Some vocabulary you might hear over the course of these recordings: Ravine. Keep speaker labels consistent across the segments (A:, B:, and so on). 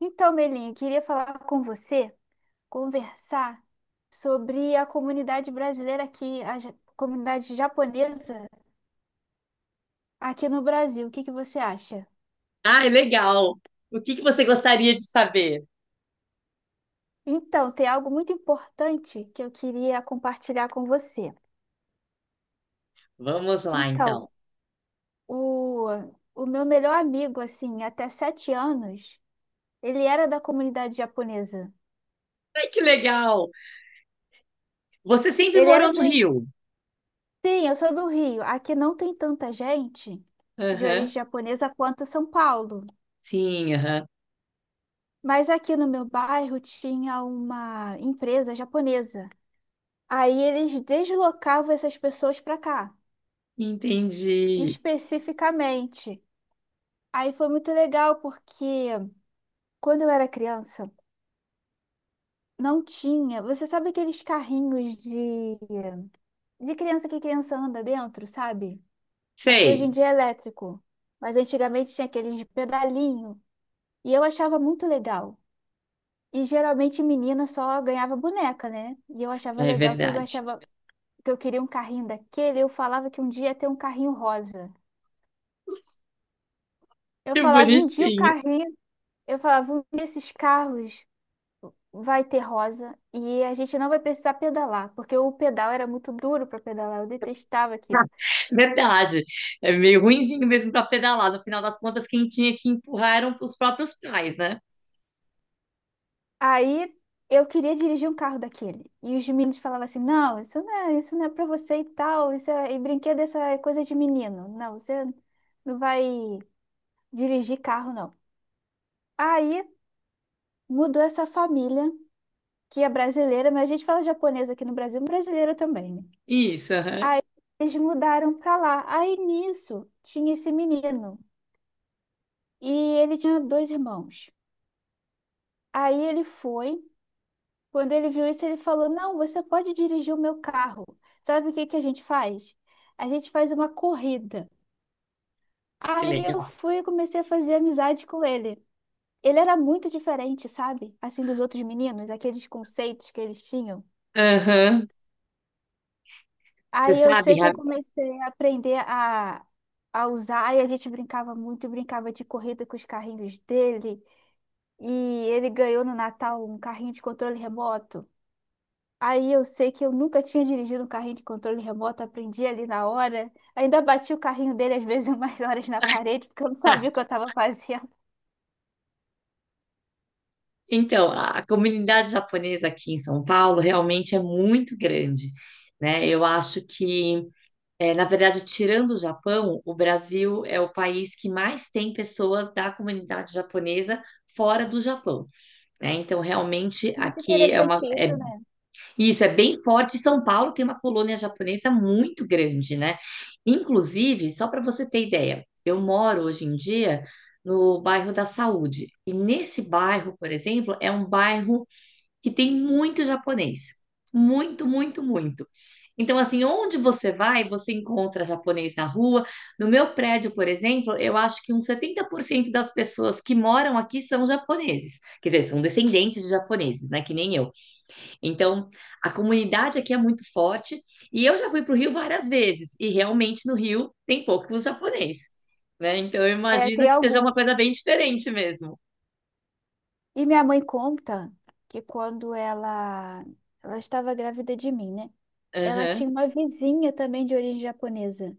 A: Então, Melinha, queria falar com você, conversar sobre a comunidade brasileira aqui, comunidade japonesa aqui no Brasil. O que que você acha?
B: Ai, legal. O que que você gostaria de saber?
A: Então, tem algo muito importante que eu queria compartilhar com você.
B: Vamos lá, então.
A: Então, o, o meu melhor amigo, assim, até 7 anos, ele era da comunidade japonesa.
B: Ai, que legal. Você sempre
A: Ele era
B: morou no
A: de.
B: Rio?
A: Sim, eu sou do Rio. Aqui não tem tanta gente de origem
B: Aham.
A: japonesa quanto São Paulo.
B: Sim, aham.
A: Mas aqui no meu bairro tinha uma empresa japonesa. Aí eles deslocavam essas pessoas para cá,
B: Entendi.
A: especificamente. Aí foi muito legal porque quando eu era criança, não tinha. Você sabe aqueles carrinhos de criança que criança anda dentro, sabe? Aqui hoje em
B: Sei.
A: dia é elétrico, mas antigamente tinha aqueles de pedalinho e eu achava muito legal. E geralmente menina só ganhava boneca, né? E eu achava
B: É
A: legal que eu
B: verdade.
A: achava que eu queria um carrinho daquele, eu falava que um dia ia ter um carrinho rosa. Eu
B: Que
A: falava um dia o
B: bonitinho.
A: carrinho, eu falava um dia esses carros vai ter rosa e a gente não vai precisar pedalar, porque o pedal era muito duro para pedalar, eu detestava aquilo.
B: Verdade. É meio ruinzinho mesmo para pedalar. No final das contas, quem tinha que empurrar eram os próprios pais, né?
A: Aí eu queria dirigir um carro daquele. E os meninos falavam assim: "Não, isso não é para você e tal, isso é e brinquedo, essa é coisa de menino. Não, você não vai dirigir carro não". Aí mudou essa família que é brasileira, mas a gente fala japonesa aqui no Brasil, brasileira também, né?
B: Isso, aham.
A: Aí eles mudaram pra lá. Aí nisso tinha esse menino e ele tinha dois irmãos. Aí ele foi, quando ele viu isso, ele falou: Não, você pode dirigir o meu carro. Sabe o que que a gente faz? A gente faz uma corrida.
B: Que
A: Aí
B: legal.
A: eu fui e comecei a fazer amizade com ele. Ele era muito diferente, sabe? Assim, dos outros meninos, aqueles conceitos que eles tinham.
B: Aham. Você
A: Aí eu
B: sabe,
A: sei que
B: Ra-
A: eu comecei a aprender a usar, e a gente brincava muito, brincava de corrida com os carrinhos dele, e ele ganhou no Natal um carrinho de controle remoto. Aí eu sei que eu nunca tinha dirigido um carrinho de controle remoto, aprendi ali na hora. Ainda bati o carrinho dele às vezes umas horas na parede, porque eu não sabia o que eu estava fazendo.
B: Então, a comunidade japonesa aqui em São Paulo realmente é muito grande, né? Eu acho que, na verdade, tirando o Japão, o Brasil é o país que mais tem pessoas da comunidade japonesa fora do Japão, né? Então, realmente
A: É muito
B: aqui é uma,
A: interessante
B: é-
A: isso, né?
B: isso é bem forte. São Paulo tem uma colônia japonesa muito grande, né? Inclusive, só para você ter ideia, eu moro hoje em dia no bairro da Saúde. E nesse bairro, por exemplo, é um bairro que tem muito japonês. Muito, muito, muito. Então, assim, onde você vai, você encontra japonês na rua. No meu prédio, por exemplo, eu acho que uns 70% das pessoas que moram aqui são japoneses. Quer dizer, são descendentes de japoneses, né? Que nem eu. Então, a comunidade aqui é muito forte. E eu já fui para o Rio várias vezes. E realmente no Rio tem poucos japoneses, né? Então, eu
A: É,
B: imagino
A: tem
B: que seja uma
A: alguns.
B: coisa bem diferente mesmo.
A: E minha mãe conta que quando ela estava grávida de mim, né? Ela tinha
B: Aham.
A: uma vizinha também de origem japonesa.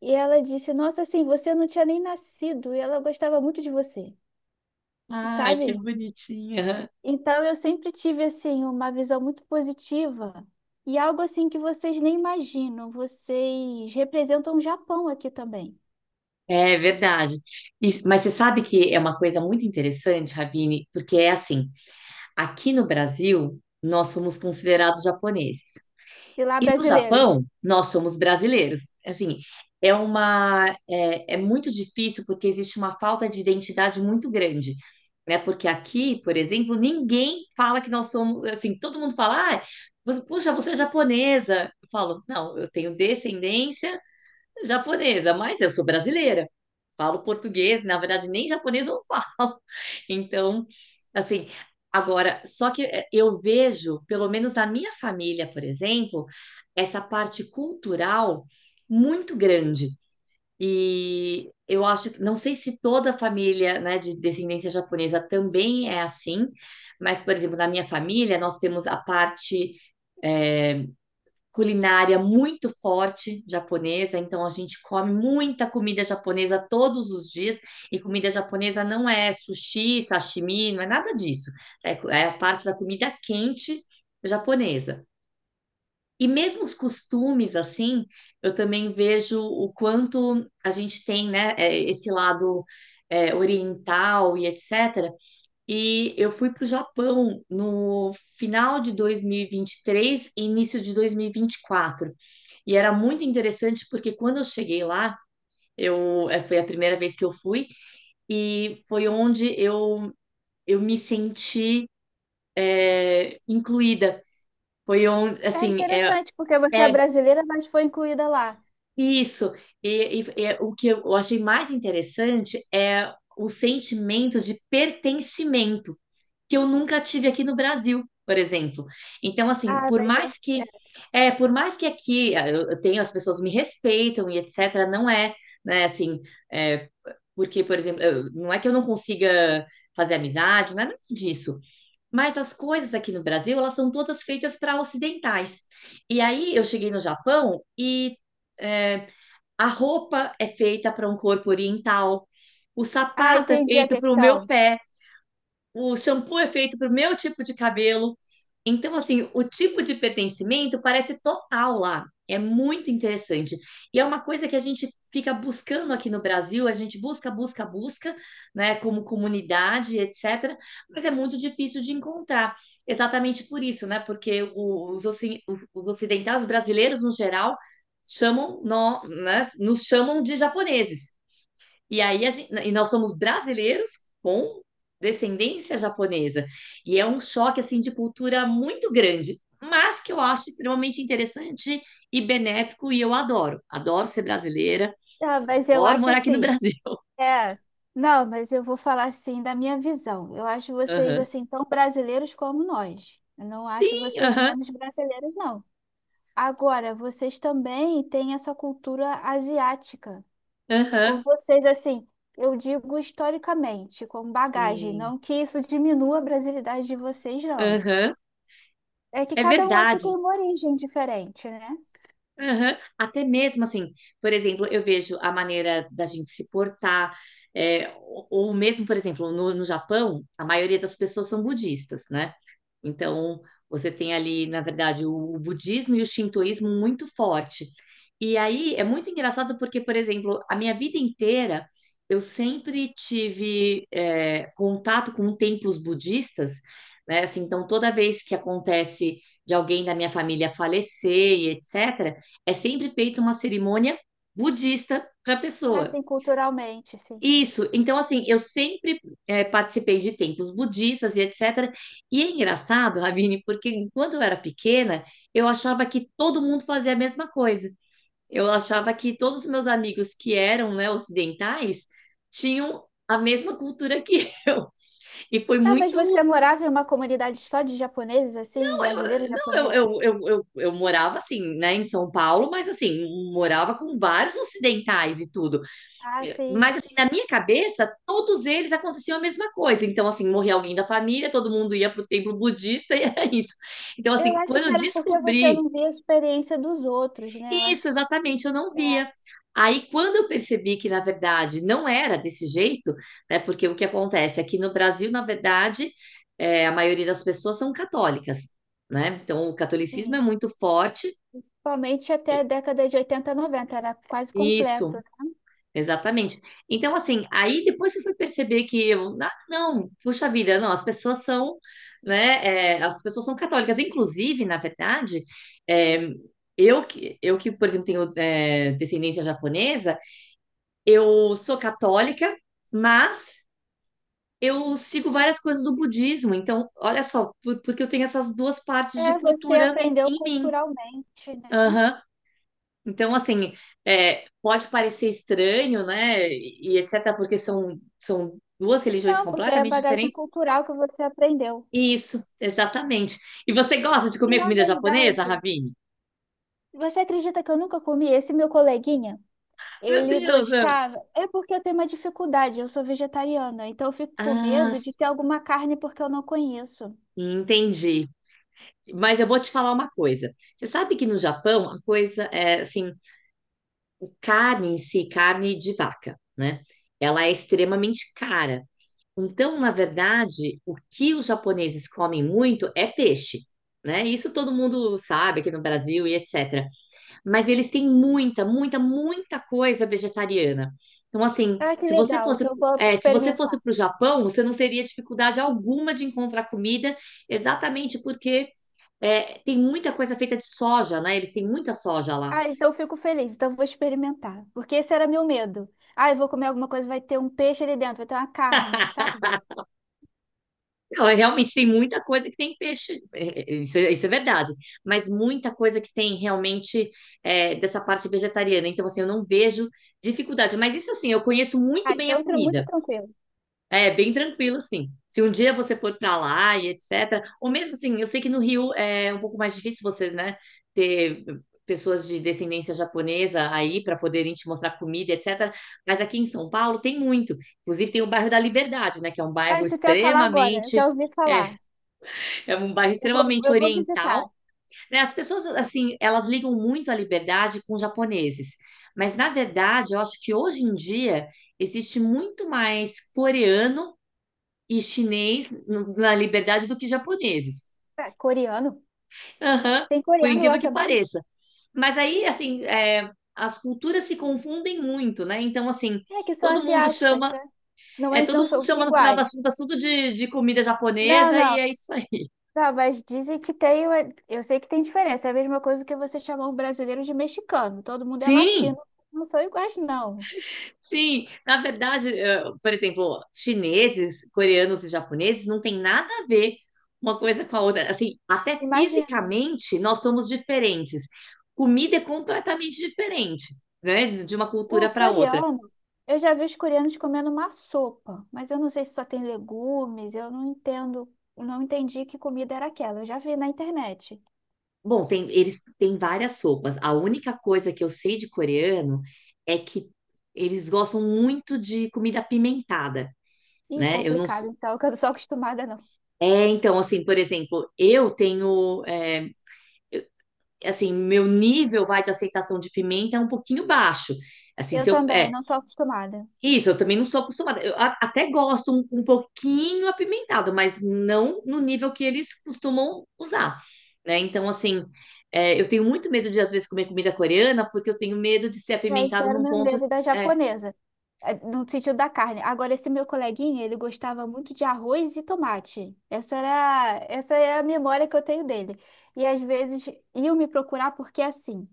A: E ela disse: Nossa, assim, você não tinha nem nascido e ela gostava muito de você,
B: Ai, que
A: sabe?
B: bonitinha.
A: Então eu sempre tive, assim, uma visão muito positiva e algo assim que vocês nem imaginam. Vocês representam o Japão aqui também.
B: É verdade. Mas você sabe que é uma coisa muito interessante, Ravine, porque é assim, aqui no Brasil, nós somos considerados japoneses.
A: E lá,
B: E no
A: brasileiros.
B: Japão, nós somos brasileiros. Assim, é muito difícil porque existe uma falta de identidade muito grande, né? Porque aqui, por exemplo, ninguém fala que nós somos, assim, todo mundo fala, ah, puxa, você é japonesa. Eu falo, não, eu tenho descendência japonesa, mas eu sou brasileira. Falo português, na verdade, nem japonês eu falo. Então, assim, agora, só que eu vejo, pelo menos na minha família, por exemplo, essa parte cultural muito grande. E eu acho que, não sei se toda a família, né, de descendência japonesa também é assim, mas, por exemplo, na minha família, nós temos a parte culinária muito forte japonesa, então a gente come muita comida japonesa todos os dias, e comida japonesa não é sushi, sashimi, não é nada disso. É a parte da comida quente japonesa. E mesmo os costumes, assim, eu também vejo o quanto a gente tem, né, esse lado oriental e etc. E eu fui para o Japão no final de 2023 e início de 2024. E era muito interessante porque quando eu cheguei lá, foi a primeira vez que eu fui e foi onde eu me senti incluída. Foi onde,
A: É
B: assim,
A: interessante, porque você é
B: é
A: brasileira, mas foi incluída lá.
B: isso. E o que eu achei mais interessante é o sentimento de pertencimento que eu nunca tive aqui no Brasil, por exemplo. Então, assim,
A: Ah,
B: por
A: mas eu-
B: mais que é, por mais que aqui ah, eu tenho as pessoas me respeitam e etc, não é, né, assim, é, porque, por exemplo, não é que eu não consiga fazer amizade, não é nada disso. Mas as coisas aqui no Brasil, elas são todas feitas para ocidentais. E aí eu cheguei no Japão e é, a roupa é feita para um corpo oriental, o
A: ah,
B: sapato é
A: entendi a
B: feito para o meu
A: questão.
B: pé, o shampoo é feito para o meu tipo de cabelo. Então, assim, o tipo de pertencimento parece total lá. É muito interessante. E é uma coisa que a gente fica buscando aqui no Brasil, a gente busca, busca, busca, né, como comunidade, etc. Mas é muito difícil de encontrar. Exatamente por isso, né? Porque os ocidentais, os brasileiros no geral, nos chamam de japoneses. E aí a gente, e nós somos brasileiros com descendência japonesa. E é um choque assim de cultura muito grande, mas que eu acho extremamente interessante e benéfico e eu adoro. Adoro ser brasileira,
A: Ah, mas eu
B: adoro
A: acho
B: morar aqui no
A: assim.
B: Brasil.
A: É. Não, mas eu vou falar assim da minha visão. Eu acho vocês
B: Aham.
A: assim tão brasileiros como nós. Eu não acho
B: Sim,
A: vocês
B: aham,
A: menos brasileiros, não. Agora, vocês também têm essa cultura asiática. Com
B: aham.
A: vocês, assim, eu digo historicamente, como bagagem.
B: Sim.
A: Não que isso diminua a brasilidade de vocês, não.
B: Aham.
A: É que
B: É
A: cada um aqui tem
B: verdade.
A: uma origem diferente, né?
B: Aham. Até mesmo assim, por exemplo, eu vejo a maneira da gente se portar, ou mesmo, por exemplo, no Japão, a maioria das pessoas são budistas, né? Então, você tem ali, na verdade, o budismo e o shintoísmo muito forte. E aí é muito engraçado porque, por exemplo, a minha vida inteira eu sempre tive contato com templos budistas, né? Assim, então, toda vez que acontece de alguém da minha família falecer e etc. É sempre feita uma cerimônia budista para a pessoa.
A: Assim, culturalmente, sim.
B: Isso, então assim, eu sempre participei de templos budistas e etc. E é engraçado, Ravine, porque enquanto eu era pequena, eu achava que todo mundo fazia a mesma coisa. Eu achava que todos os meus amigos que eram, né, ocidentais tinham a mesma cultura que eu. E foi
A: Ah, mas
B: muito.
A: você morava em uma comunidade só de japoneses, assim,
B: Não,
A: brasileiros
B: eu, não,
A: japoneses?
B: eu, eu, eu, eu, eu morava assim, né, em São Paulo, mas assim, morava com vários ocidentais e tudo.
A: Ah, sim.
B: Mas, assim, na minha cabeça, todos eles aconteciam a mesma coisa. Então, assim, morria alguém da família, todo mundo ia para o templo budista e era isso. Então,
A: Eu
B: assim,
A: acho
B: quando
A: que
B: eu
A: era porque você
B: descobri
A: não via a experiência dos outros, né? Eu
B: isso,
A: acho que
B: exatamente, eu não
A: é,
B: via. Aí, quando eu percebi que, na verdade, não era desse jeito, né? Porque o que acontece aqui no Brasil, na verdade, a maioria das pessoas são católicas, né? Então, o catolicismo
A: sim.
B: é muito forte.
A: Principalmente até a década de 80, 90 era quase completo.
B: Isso, exatamente. Então, assim, aí depois você foi perceber que eu, ah, não, puxa vida, não, as pessoas são, né, as pessoas são católicas. Inclusive, na verdade, é, eu que, por exemplo, tenho descendência japonesa, eu sou católica, mas eu sigo várias coisas do budismo. Então, olha só, porque eu tenho essas duas partes de
A: É, você
B: cultura
A: aprendeu
B: em mim.
A: culturalmente, né?
B: Aham. Então, assim, é, pode parecer estranho, né? E etc., porque são duas religiões
A: Não, porque é a
B: completamente
A: bagagem
B: diferentes.
A: cultural que você aprendeu.
B: Isso, exatamente. E você gosta de
A: E
B: comer
A: na
B: comida japonesa,
A: verdade,
B: Ravine?
A: você acredita que eu nunca comi esse meu coleguinha?
B: Meu
A: Ele
B: Deus!
A: gostava. É porque eu tenho uma dificuldade, eu sou vegetariana, então eu fico com
B: Ah,
A: medo de
B: s-
A: ter alguma carne porque eu não conheço.
B: entendi. Mas eu vou te falar uma coisa. Você sabe que no Japão, a coisa é assim, carne em si, carne de vaca, né? Ela é extremamente cara. Então, na verdade, o que os japoneses comem muito é peixe, né? Isso todo mundo sabe aqui no Brasil e etc. Mas eles têm muita, muita, muita coisa vegetariana. Então, assim,
A: Ah, que
B: se você
A: legal,
B: fosse,
A: então eu vou
B: se você
A: experimentar.
B: fosse para o Japão, você não teria dificuldade alguma de encontrar comida, exatamente porque tem muita coisa feita de soja, né? Eles têm muita soja lá.
A: Ah, então eu fico feliz, então eu vou experimentar. Porque esse era meu medo. Ah, eu vou comer alguma coisa, vai ter um peixe ali dentro, vai ter uma carne, sabe?
B: Não, realmente tem muita coisa que tem peixe, isso é verdade, mas muita coisa que tem realmente dessa parte vegetariana. Então, assim, eu não vejo dificuldade. Mas isso, assim, eu conheço muito bem a
A: Muito
B: comida.
A: tranquilo.
B: É bem tranquilo, assim. Se um dia você for para lá e etc. Ou mesmo assim, eu sei que no Rio é um pouco mais difícil você, né, ter pessoas de descendência japonesa aí para poderem te mostrar comida, etc. Mas aqui em São Paulo tem muito. Inclusive tem o bairro da Liberdade, né, que é um
A: Ah,
B: bairro
A: isso que eu ia falar agora,
B: extremamente
A: já ouvi
B: é,
A: falar.
B: é um bairro extremamente
A: Eu vou visitar.
B: oriental, né? As pessoas, assim, elas ligam muito à liberdade com os japoneses. Mas, na verdade, eu acho que hoje em dia existe muito mais coreano e chinês na liberdade do que japoneses.
A: Ah, coreano?
B: Aham,
A: Tem
B: por
A: coreano
B: incrível
A: lá
B: que
A: também?
B: pareça. Mas aí, assim, as culturas se confundem muito, né? Então, assim,
A: É, que são
B: todo mundo
A: asiáticas,
B: chama,
A: né? Não, mas
B: todo
A: não
B: mundo
A: são
B: chama no final das
A: iguais.
B: contas tudo de comida
A: Não,
B: japonesa e
A: não.
B: é isso aí.
A: Não, mas dizem que tem uma... Eu sei que tem diferença. É a mesma coisa que você chamar um brasileiro de mexicano. Todo mundo é
B: Sim,
A: latino. Não são iguais, não.
B: sim, na verdade, por exemplo, chineses, coreanos e japoneses não tem nada a ver uma coisa com a outra. Assim, até
A: Imagina.
B: fisicamente nós somos diferentes. Comida é completamente diferente, né, de uma
A: O
B: cultura para outra.
A: coreano, eu já vi os coreanos comendo uma sopa, mas eu não sei se só tem legumes, eu não entendo, não entendi que comida era aquela. Eu já vi na internet.
B: Bom, tem, eles têm várias sopas. A única coisa que eu sei de coreano é que eles gostam muito de comida apimentada,
A: Ih,
B: né? Eu não s-
A: complicado, então, que eu não sou acostumada, não.
B: É, então, assim, por exemplo, assim, meu nível vai de aceitação de pimenta é um pouquinho baixo. Assim,
A: Eu
B: se eu
A: também
B: é
A: não sou acostumada.
B: isso, eu também não sou acostumada. Eu até gosto um, um pouquinho apimentado, mas não no nível que eles costumam usar, né? Então, assim, eu tenho muito medo de às vezes comer comida coreana, porque eu tenho medo de ser
A: É, isso
B: apimentado
A: era o
B: num
A: meu
B: ponto.
A: medo da
B: É,
A: japonesa, é, no sentido da carne. Agora, esse meu coleguinha, ele gostava muito de arroz e tomate. Essa era, essa é a memória que eu tenho dele. E às vezes iam me procurar porque assim,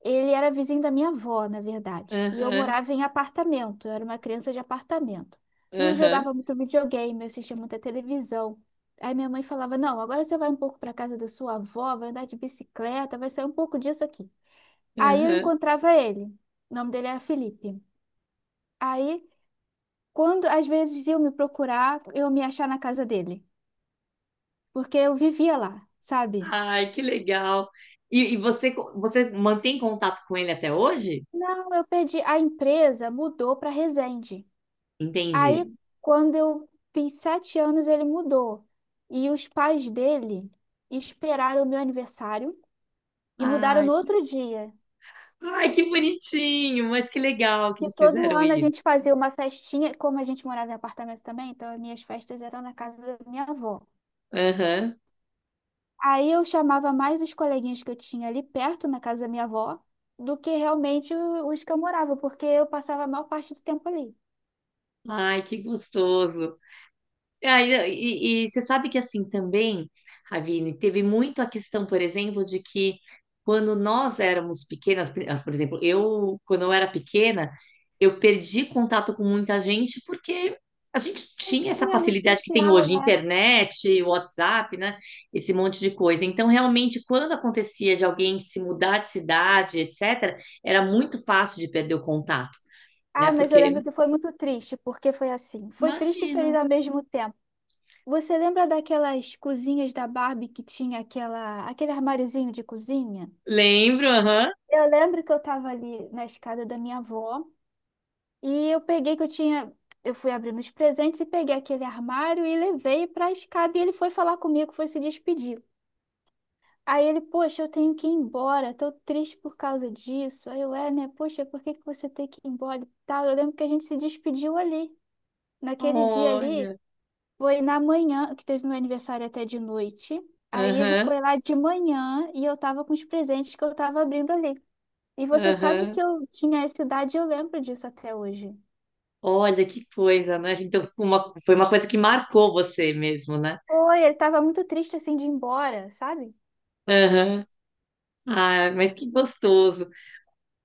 A: ele era vizinho da minha avó, na verdade. E eu
B: aham,
A: morava em apartamento, eu era uma criança de apartamento. E eu
B: aham,
A: jogava muito videogame, eu assistia muita televisão. Aí minha mãe falava: Não, agora você vai um pouco para casa da sua avó, vai andar de bicicleta, vai sair um pouco disso aqui. Aí eu
B: aham.
A: encontrava ele. O nome dele era Felipe. Aí, quando às vezes iam me procurar, eu me achar na casa dele, porque eu vivia lá, sabe?
B: Ai, que legal. E você, você mantém contato com ele até hoje?
A: Não, eu perdi. A empresa mudou para Resende. Aí,
B: Entendi.
A: quando eu fiz 7 anos, ele mudou. E os pais dele esperaram o meu aniversário e mudaram
B: Ai,
A: no outro dia.
B: ai, que bonitinho, mas que legal que
A: E
B: eles
A: todo
B: fizeram
A: ano a
B: isso.
A: gente fazia uma festinha, como a gente morava em apartamento também, então as minhas festas eram na casa da minha avó.
B: Aham.
A: Aí eu chamava mais os coleguinhas que eu tinha ali perto, na casa da minha avó, do que realmente os que eu morava, porque eu passava a maior parte do tempo ali.
B: Ai, que gostoso. Ah, e você sabe que assim também, Ravine, teve muito a questão, por exemplo, de que quando nós éramos pequenas, por exemplo, eu, quando eu era pequena, eu perdi contato com muita gente porque a gente tinha essa
A: Tinha rede
B: facilidade que tem
A: social,
B: hoje,
A: né?
B: internet, WhatsApp, né? Esse monte de coisa. Então, realmente, quando acontecia de alguém se mudar de cidade, etc., era muito fácil de perder o contato, né?
A: Ah, mas eu
B: Porque,
A: lembro que foi muito triste, porque foi assim. Foi triste e feliz
B: imagino.
A: ao mesmo tempo. Você lembra daquelas cozinhas da Barbie que tinha aquela, aquele armáriozinho de cozinha?
B: Lembro, aham.
A: Eu lembro que eu estava ali na escada da minha avó. E eu peguei que eu tinha. Eu fui abrindo os presentes e peguei aquele armário e levei para a escada. E ele foi falar comigo, foi se despedir. Aí ele, poxa, eu tenho que ir embora, tô triste por causa disso. Aí eu, é, né? Poxa, por que que você tem que ir embora e tal? Eu lembro que a gente se despediu ali. Naquele dia ali,
B: Olha.
A: foi na manhã, que teve meu aniversário até de noite. Aí ele
B: Aham,
A: foi lá de manhã e eu tava com os presentes que eu tava abrindo ali. E você sabe
B: aham.
A: que eu tinha essa idade e eu lembro disso até hoje.
B: Olha que coisa, né? Então, foi uma coisa que marcou você mesmo, né?
A: Foi, ele tava muito triste assim de ir embora, sabe?
B: Aham. Ah, mas que gostoso.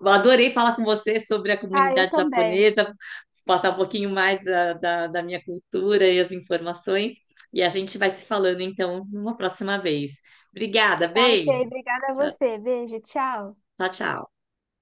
B: Eu adorei falar com você sobre a
A: Ah, eu
B: comunidade
A: também.
B: japonesa, passar um pouquinho mais da minha cultura e as informações. E a gente vai se falando, então, numa próxima vez. Obrigada,
A: Tá ok,
B: beijo.
A: obrigada a
B: Tchau,
A: você. Beijo, tchau.
B: tchau. Tchau.